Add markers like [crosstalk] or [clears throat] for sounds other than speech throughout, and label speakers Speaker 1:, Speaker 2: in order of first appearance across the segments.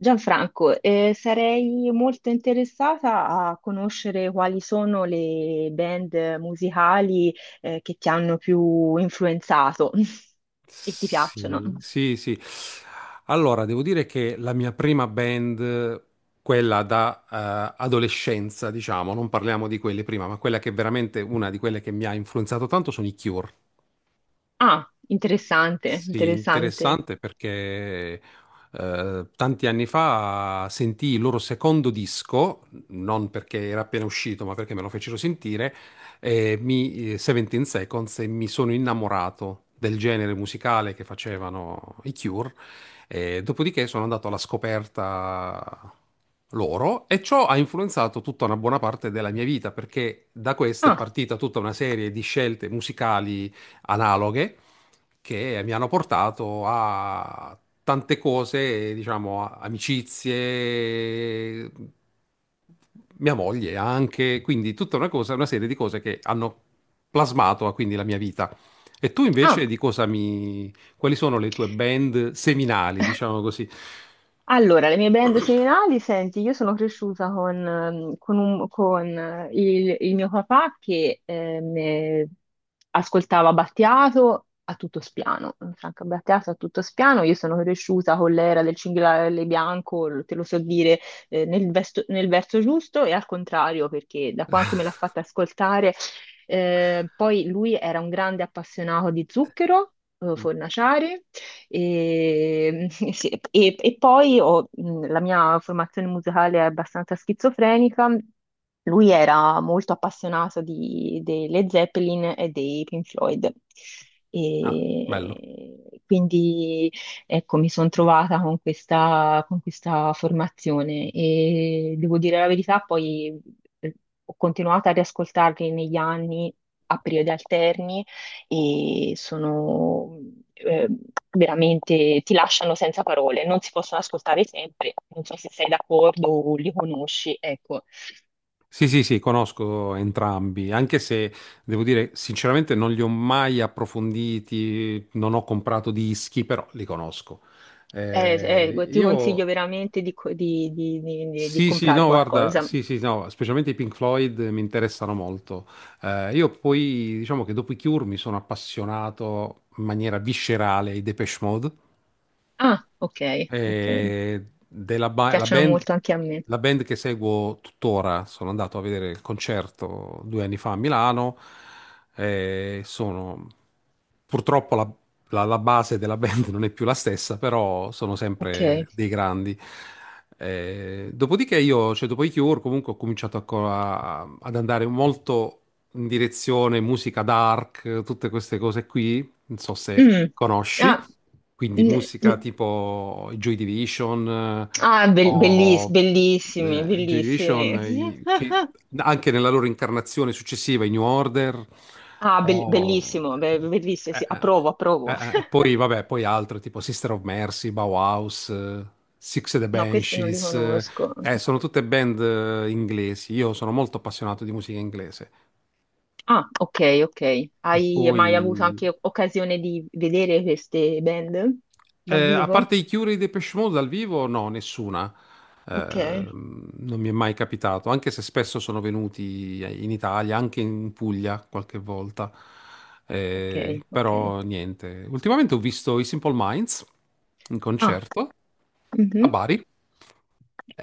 Speaker 1: Gianfranco, sarei molto interessata a conoscere quali sono le band musicali, che ti hanno più influenzato [laughs] e ti piacciono.
Speaker 2: Sì, sì, sì. Allora, devo dire che la mia prima band, quella da adolescenza, diciamo, non parliamo di quelle prima, ma quella che è veramente una di quelle che mi ha influenzato tanto sono i Cure.
Speaker 1: Ah, interessante,
Speaker 2: Sì,
Speaker 1: interessante.
Speaker 2: interessante perché tanti anni fa sentii il loro secondo disco, non perché era appena uscito, ma perché me lo fecero sentire, e mi, 17 Seconds, e mi sono innamorato del genere musicale che facevano i Cure. E dopodiché sono andato alla scoperta loro, e ciò ha influenzato tutta una buona parte della mia vita perché da questa è
Speaker 1: Ah,
Speaker 2: partita tutta una serie di scelte musicali analoghe che mi hanno portato a tante cose, diciamo, amicizie, mia moglie anche, quindi tutta una cosa, una serie di cose che hanno plasmato quindi la mia vita. E tu invece
Speaker 1: ah.
Speaker 2: di cosa mi... quali sono le tue band seminali, diciamo così?
Speaker 1: Allora, le mie band seminali, senti, io sono cresciuta con, con, il mio papà che ascoltava Battiato a tutto spiano, Franco Battiato a tutto spiano. Io sono cresciuta con l'era del Cinghiale Bianco, te lo so dire, nel verso giusto e al contrario, perché da quanto me l'ha fatta ascoltare, poi lui era un grande appassionato di Zucchero, Fornaciari. E, [laughs] sì, e poi la mia formazione musicale è abbastanza schizofrenica. Lui era molto appassionato delle Zeppelin e dei Pink Floyd.
Speaker 2: Ah, bello.
Speaker 1: E quindi ecco, mi sono trovata con questa formazione e devo dire la verità, poi eh, ho continuato a riascoltarli negli anni a periodi alterni e sono eh, veramente, ti lasciano senza parole, non si possono ascoltare sempre, non so se sei d'accordo o li conosci, ecco.
Speaker 2: Sì, sì, sì, conosco entrambi, anche se devo dire sinceramente non li ho mai approfonditi, non ho comprato dischi, però li conosco.
Speaker 1: Eh, ti consiglio
Speaker 2: Io
Speaker 1: veramente di, di
Speaker 2: sì, sì,
Speaker 1: comprare
Speaker 2: no, guarda,
Speaker 1: qualcosa.
Speaker 2: sì, sì, no, specialmente i Pink Floyd mi interessano molto. Io poi diciamo che dopo i Cure mi sono appassionato in maniera viscerale ai Depeche Mode.
Speaker 1: Ah, ok, ok,
Speaker 2: Eh, della ba- la
Speaker 1: piacciono
Speaker 2: band,
Speaker 1: molto anche a me,
Speaker 2: la band che seguo tuttora, sono andato a vedere il concerto 2 anni fa a Milano. Sono purtroppo la base della band [laughs] non è più la stessa, però sono sempre
Speaker 1: ok.
Speaker 2: dei grandi. Dopodiché io, cioè dopo i Cure, comunque ho cominciato ad andare molto in direzione musica dark, tutte queste cose qui, non so se
Speaker 1: Mm.
Speaker 2: conosci,
Speaker 1: Ah,
Speaker 2: quindi
Speaker 1: mm,
Speaker 2: musica
Speaker 1: mm.
Speaker 2: tipo i Joy Division
Speaker 1: Ah,
Speaker 2: o
Speaker 1: bellissimi,
Speaker 2: Joy
Speaker 1: bellissimi.
Speaker 2: Division i- che
Speaker 1: [laughs]
Speaker 2: anche nella loro incarnazione successiva, i New Order,
Speaker 1: Ah,
Speaker 2: o
Speaker 1: bellissimo, bellissimo,
Speaker 2: eh,
Speaker 1: sì,
Speaker 2: eh,
Speaker 1: approvo, approvo. [laughs]
Speaker 2: poi vabbè, poi altre tipo Sister of Mercy, Bauhaus, Six and the
Speaker 1: No, questi non li
Speaker 2: Banshees,
Speaker 1: conosco.
Speaker 2: sono tutte band inglesi. Io sono molto appassionato di musica inglese.
Speaker 1: Ah, ok, ok.
Speaker 2: E
Speaker 1: Hai
Speaker 2: poi
Speaker 1: mai avuto anche occasione di vedere queste band dal
Speaker 2: eh, a
Speaker 1: vivo?
Speaker 2: parte i Cure e i Depeche Mode dal vivo, no, nessuna. Eh,
Speaker 1: Ok,
Speaker 2: non mi è mai capitato, anche se spesso sono venuti in Italia, anche in Puglia qualche volta.
Speaker 1: ok, ok.
Speaker 2: Però niente. Ultimamente ho visto i Simple Minds in
Speaker 1: Ah,
Speaker 2: concerto a
Speaker 1: mhm,
Speaker 2: Bari.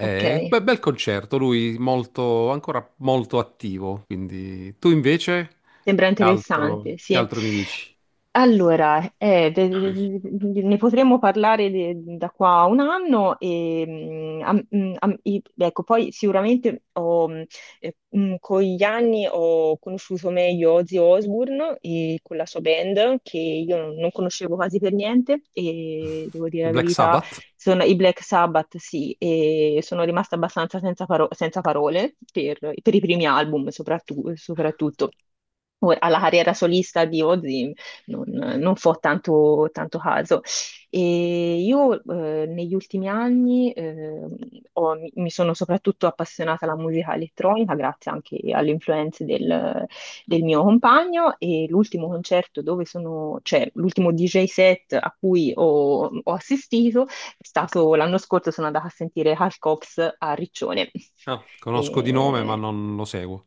Speaker 1: ok.
Speaker 2: Beh, bel concerto, lui molto, ancora molto attivo. Quindi tu invece,
Speaker 1: Sembra interessante,
Speaker 2: che
Speaker 1: sì.
Speaker 2: altro mi dici?
Speaker 1: Allora, ne potremmo parlare da qua a un anno ecco, poi sicuramente con gli anni ho conosciuto meglio Ozzy Osbourne e con la sua band che io non conoscevo quasi per niente e devo dire
Speaker 2: Il
Speaker 1: la
Speaker 2: Black
Speaker 1: verità,
Speaker 2: Sabbath?
Speaker 1: sono, i Black Sabbath sì, e sono rimasta abbastanza senza parole per i primi album soprattutto. Soprattutto. Ora, alla carriera solista di Ozzy non fo tanto, tanto caso. E io negli ultimi anni mi sono soprattutto appassionata alla musica elettronica, grazie anche alle influenze del mio compagno. E l'ultimo concerto dove sono, cioè l'ultimo DJ set a cui ho, ho assistito è stato l'anno scorso, sono andata a sentire Hal Cox a Riccione.
Speaker 2: Ah, conosco di nome, ma
Speaker 1: E-
Speaker 2: non lo seguo.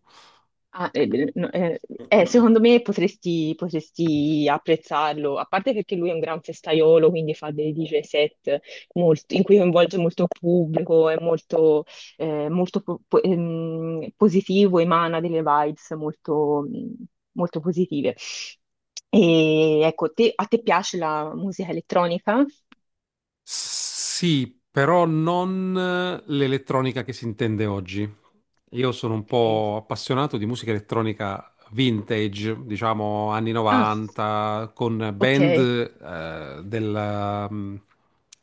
Speaker 1: Ah, beh, no, secondo me potresti, potresti apprezzarlo, a parte perché lui è un gran festaiolo, quindi fa dei DJ set in cui coinvolge molto pubblico, è molto, positivo, emana delle vibes molto, molto positive. E ecco, a te piace la musica elettronica?
Speaker 2: Sì, però non l'elettronica che si intende oggi. Io sono un
Speaker 1: Ok.
Speaker 2: po' appassionato di musica elettronica vintage, diciamo anni
Speaker 1: Ah,
Speaker 2: 90, con
Speaker 1: ok.
Speaker 2: band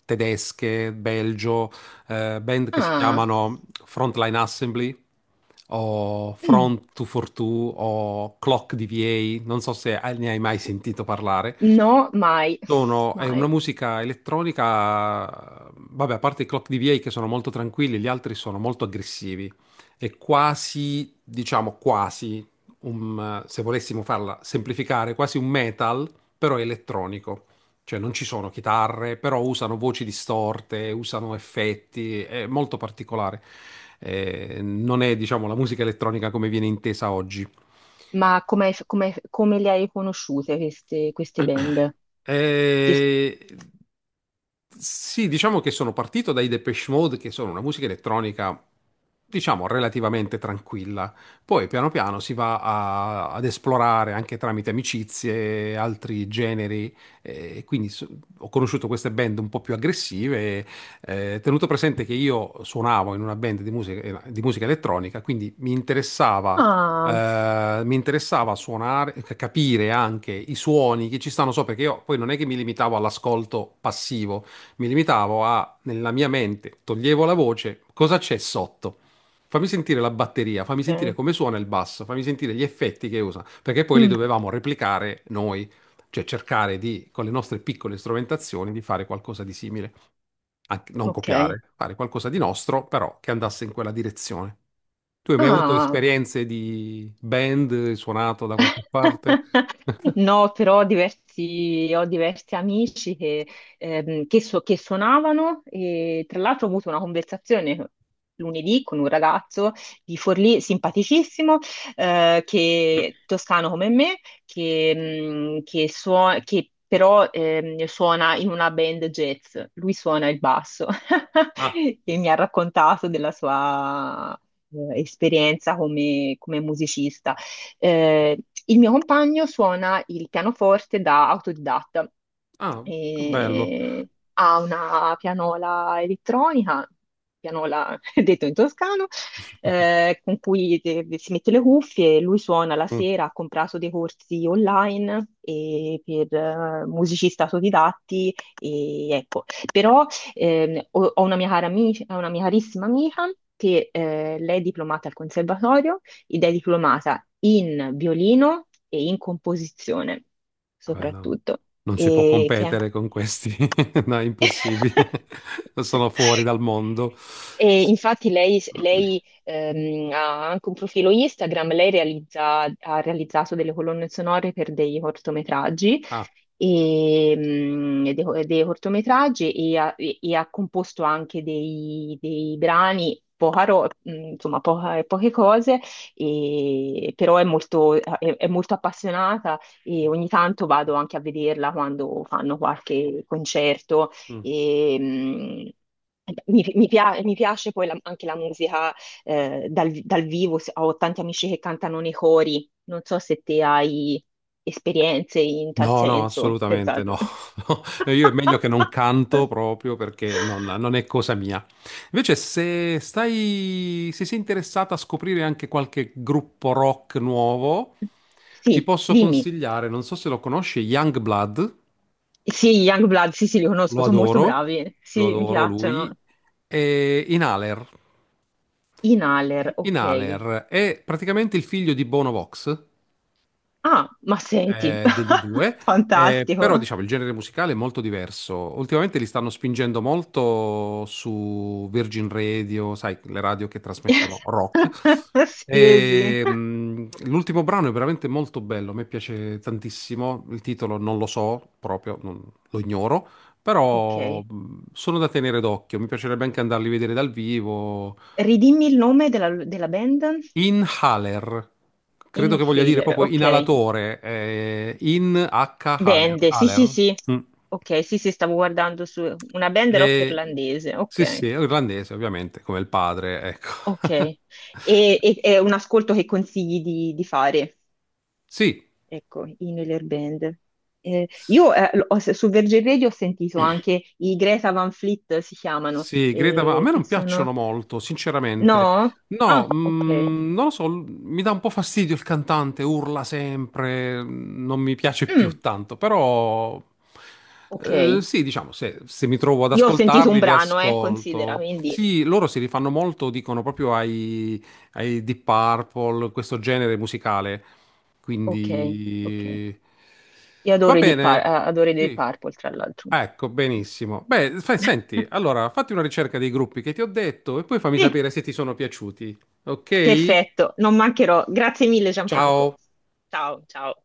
Speaker 2: tedesche, belgio, band che si
Speaker 1: Ah,
Speaker 2: chiamano Frontline Assembly o
Speaker 1: mm,
Speaker 2: Front 242 o Clock DVA, non so se ne hai mai sentito parlare.
Speaker 1: no, mai,
Speaker 2: Sono, è una
Speaker 1: mai.
Speaker 2: musica elettronica, vabbè, a parte i Clock DVA che sono molto tranquilli, gli altri sono molto aggressivi. È quasi, diciamo, quasi, se volessimo farla semplificare, quasi un metal, però è elettronico. Cioè non ci sono chitarre, però usano voci distorte, usano effetti, è molto particolare. Non è, diciamo, la musica elettronica come viene intesa oggi.
Speaker 1: Ma come, come le hai conosciute queste, queste
Speaker 2: [clears throat]
Speaker 1: band? Ti-
Speaker 2: Eh, sì, diciamo che sono partito dai Depeche Mode, che sono una musica elettronica, diciamo, relativamente tranquilla. Poi piano piano si va ad esplorare anche tramite amicizie, altri generi. Quindi ho conosciuto queste band un po' più aggressive. Eh, tenuto presente che io suonavo in una band di musica elettronica, quindi
Speaker 1: Ah,
Speaker 2: mi interessava suonare, capire anche i suoni che ci stanno sopra, perché io poi non è che mi limitavo all'ascolto passivo, mi limitavo a, nella mia mente, toglievo la voce, cosa c'è sotto? Fammi sentire la batteria, fammi sentire
Speaker 1: ok.
Speaker 2: come suona il basso, fammi sentire gli effetti che usa, perché poi li
Speaker 1: Mm,
Speaker 2: dovevamo replicare noi, cioè cercare di, con le nostre piccole strumentazioni, di fare qualcosa di simile. Anche- non
Speaker 1: ok.
Speaker 2: copiare, fare qualcosa di nostro, però che andasse in quella direzione. Tu hai mai avuto
Speaker 1: Ah,
Speaker 2: esperienze di band, hai suonato da qualche parte?
Speaker 1: [laughs]
Speaker 2: [laughs]
Speaker 1: no, però ho diversi amici che, che suonavano, e tra l'altro ho avuto una conversazione lunedì con un ragazzo di Forlì, simpaticissimo, che, toscano come me, che, che però suona in una band jazz, lui suona il basso
Speaker 2: Ah,
Speaker 1: [laughs] e mi ha raccontato della sua esperienza come musicista. Eh, il mio compagno suona il pianoforte da autodidatta
Speaker 2: ah, che bello.
Speaker 1: e ha una pianola elettronica, pianola [laughs] detto in toscano,
Speaker 2: [laughs]
Speaker 1: con cui si mette le cuffie, lui suona la
Speaker 2: Mm,
Speaker 1: sera, ha comprato dei corsi online e per musicisti autodidatti, e ecco, però ho, ho una mia cara amica, una mia carissima amica che lei è diplomata al conservatorio ed è diplomata in violino e in composizione,
Speaker 2: vabbè, no,
Speaker 1: soprattutto.
Speaker 2: non si può
Speaker 1: E che
Speaker 2: competere con questi, [laughs] no, è
Speaker 1: è? [laughs]
Speaker 2: impossibile. [laughs] Sono fuori dal mondo.
Speaker 1: E infatti lei, lei,
Speaker 2: [clears throat]
Speaker 1: ha anche un profilo Instagram, ha realizzato delle colonne sonore per dei cortometraggi,
Speaker 2: Ah,
Speaker 1: e, dei cortometraggi e ha, e ha composto anche dei, dei brani, poca ro- mm, insomma poca- poche cose, però è molto, è molto appassionata e ogni tanto vado anche a vederla quando fanno qualche concerto.
Speaker 2: mm.
Speaker 1: E, mi, mi piace poi anche la musica dal vivo, ho tanti amici che cantano nei cori, non so se te hai esperienze in tal
Speaker 2: No, no,
Speaker 1: senso, per
Speaker 2: assolutamente
Speaker 1: caso.
Speaker 2: no. [laughs] No, io è meglio che non
Speaker 1: [laughs]
Speaker 2: canto proprio perché non, non è cosa mia. Invece, se stai, se sei interessata a scoprire anche qualche gruppo rock nuovo, ti
Speaker 1: Sì,
Speaker 2: posso
Speaker 1: dimmi.
Speaker 2: consigliare, non so se lo conosci, Youngblood,
Speaker 1: Sì, Youngblood, sì, sì, li conosco,
Speaker 2: lo
Speaker 1: sono molto
Speaker 2: adoro,
Speaker 1: bravi,
Speaker 2: lo
Speaker 1: sì, mi
Speaker 2: adoro lui,
Speaker 1: piacciono.
Speaker 2: e Inhaler.
Speaker 1: Inhaler, ok.
Speaker 2: Inhaler è praticamente il figlio di Bono Vox,
Speaker 1: Ah, ma senti,
Speaker 2: degli U2,
Speaker 1: [laughs]
Speaker 2: però
Speaker 1: fantastico.
Speaker 2: diciamo il genere musicale è molto diverso. Ultimamente li stanno spingendo molto su Virgin Radio, sai, le radio che trasmettono
Speaker 1: [laughs]
Speaker 2: rock.
Speaker 1: Sì, sì.
Speaker 2: E, l'ultimo brano è veramente molto bello, a me piace tantissimo. Il titolo non lo so proprio, lo ignoro, però
Speaker 1: Ok.
Speaker 2: sono da tenere d'occhio. Mi piacerebbe anche andarli a vedere dal vivo.
Speaker 1: Ridimmi il nome della, della band?
Speaker 2: Inhaler, credo che voglia dire
Speaker 1: Inhaler,
Speaker 2: proprio
Speaker 1: ok.
Speaker 2: inalatore, in H Haler.
Speaker 1: Band, sì, sì,
Speaker 2: Haler.
Speaker 1: sì.
Speaker 2: Mm.
Speaker 1: Ok, sì, sì, stavo guardando su una band rock
Speaker 2: E-
Speaker 1: irlandese,
Speaker 2: sì,
Speaker 1: ok.
Speaker 2: sì, è irlandese ovviamente, come il padre, ecco.
Speaker 1: Ok.
Speaker 2: [laughs]
Speaker 1: E, è un ascolto che consigli di fare,
Speaker 2: Sì,
Speaker 1: ecco, Inhaler Band. Io su Virgin Radio ho sentito anche i Greta Van Fleet, si chiamano,
Speaker 2: sì, Greta, Van- a me
Speaker 1: che
Speaker 2: non
Speaker 1: sono...
Speaker 2: piacciono molto, sinceramente.
Speaker 1: No?
Speaker 2: No,
Speaker 1: Ah, ok.
Speaker 2: mm, non lo so, l- mi dà un po' fastidio il cantante, urla sempre, non mi piace più
Speaker 1: Mm,
Speaker 2: tanto, però
Speaker 1: ok.
Speaker 2: sì, diciamo, se, se mi trovo ad
Speaker 1: Io ho sentito un
Speaker 2: ascoltarli, li
Speaker 1: brano, considera,
Speaker 2: ascolto.
Speaker 1: quindi...
Speaker 2: Sì, loro si rifanno molto, dicono proprio ai, ai Deep Purple, questo genere musicale.
Speaker 1: Ok, ok.
Speaker 2: Quindi
Speaker 1: Io
Speaker 2: va
Speaker 1: adoro i
Speaker 2: bene.
Speaker 1: adoro i Deep
Speaker 2: Sì.
Speaker 1: Purple, tra l'altro.
Speaker 2: Ah, ecco, benissimo. Beh, senti,
Speaker 1: [laughs]
Speaker 2: allora fatti una ricerca dei gruppi che ti ho detto e poi fammi
Speaker 1: Sì.
Speaker 2: sapere se ti sono piaciuti. Ok?
Speaker 1: Perfetto, non mancherò. Grazie mille, Gianfranco.
Speaker 2: Ciao.
Speaker 1: Ciao, ciao.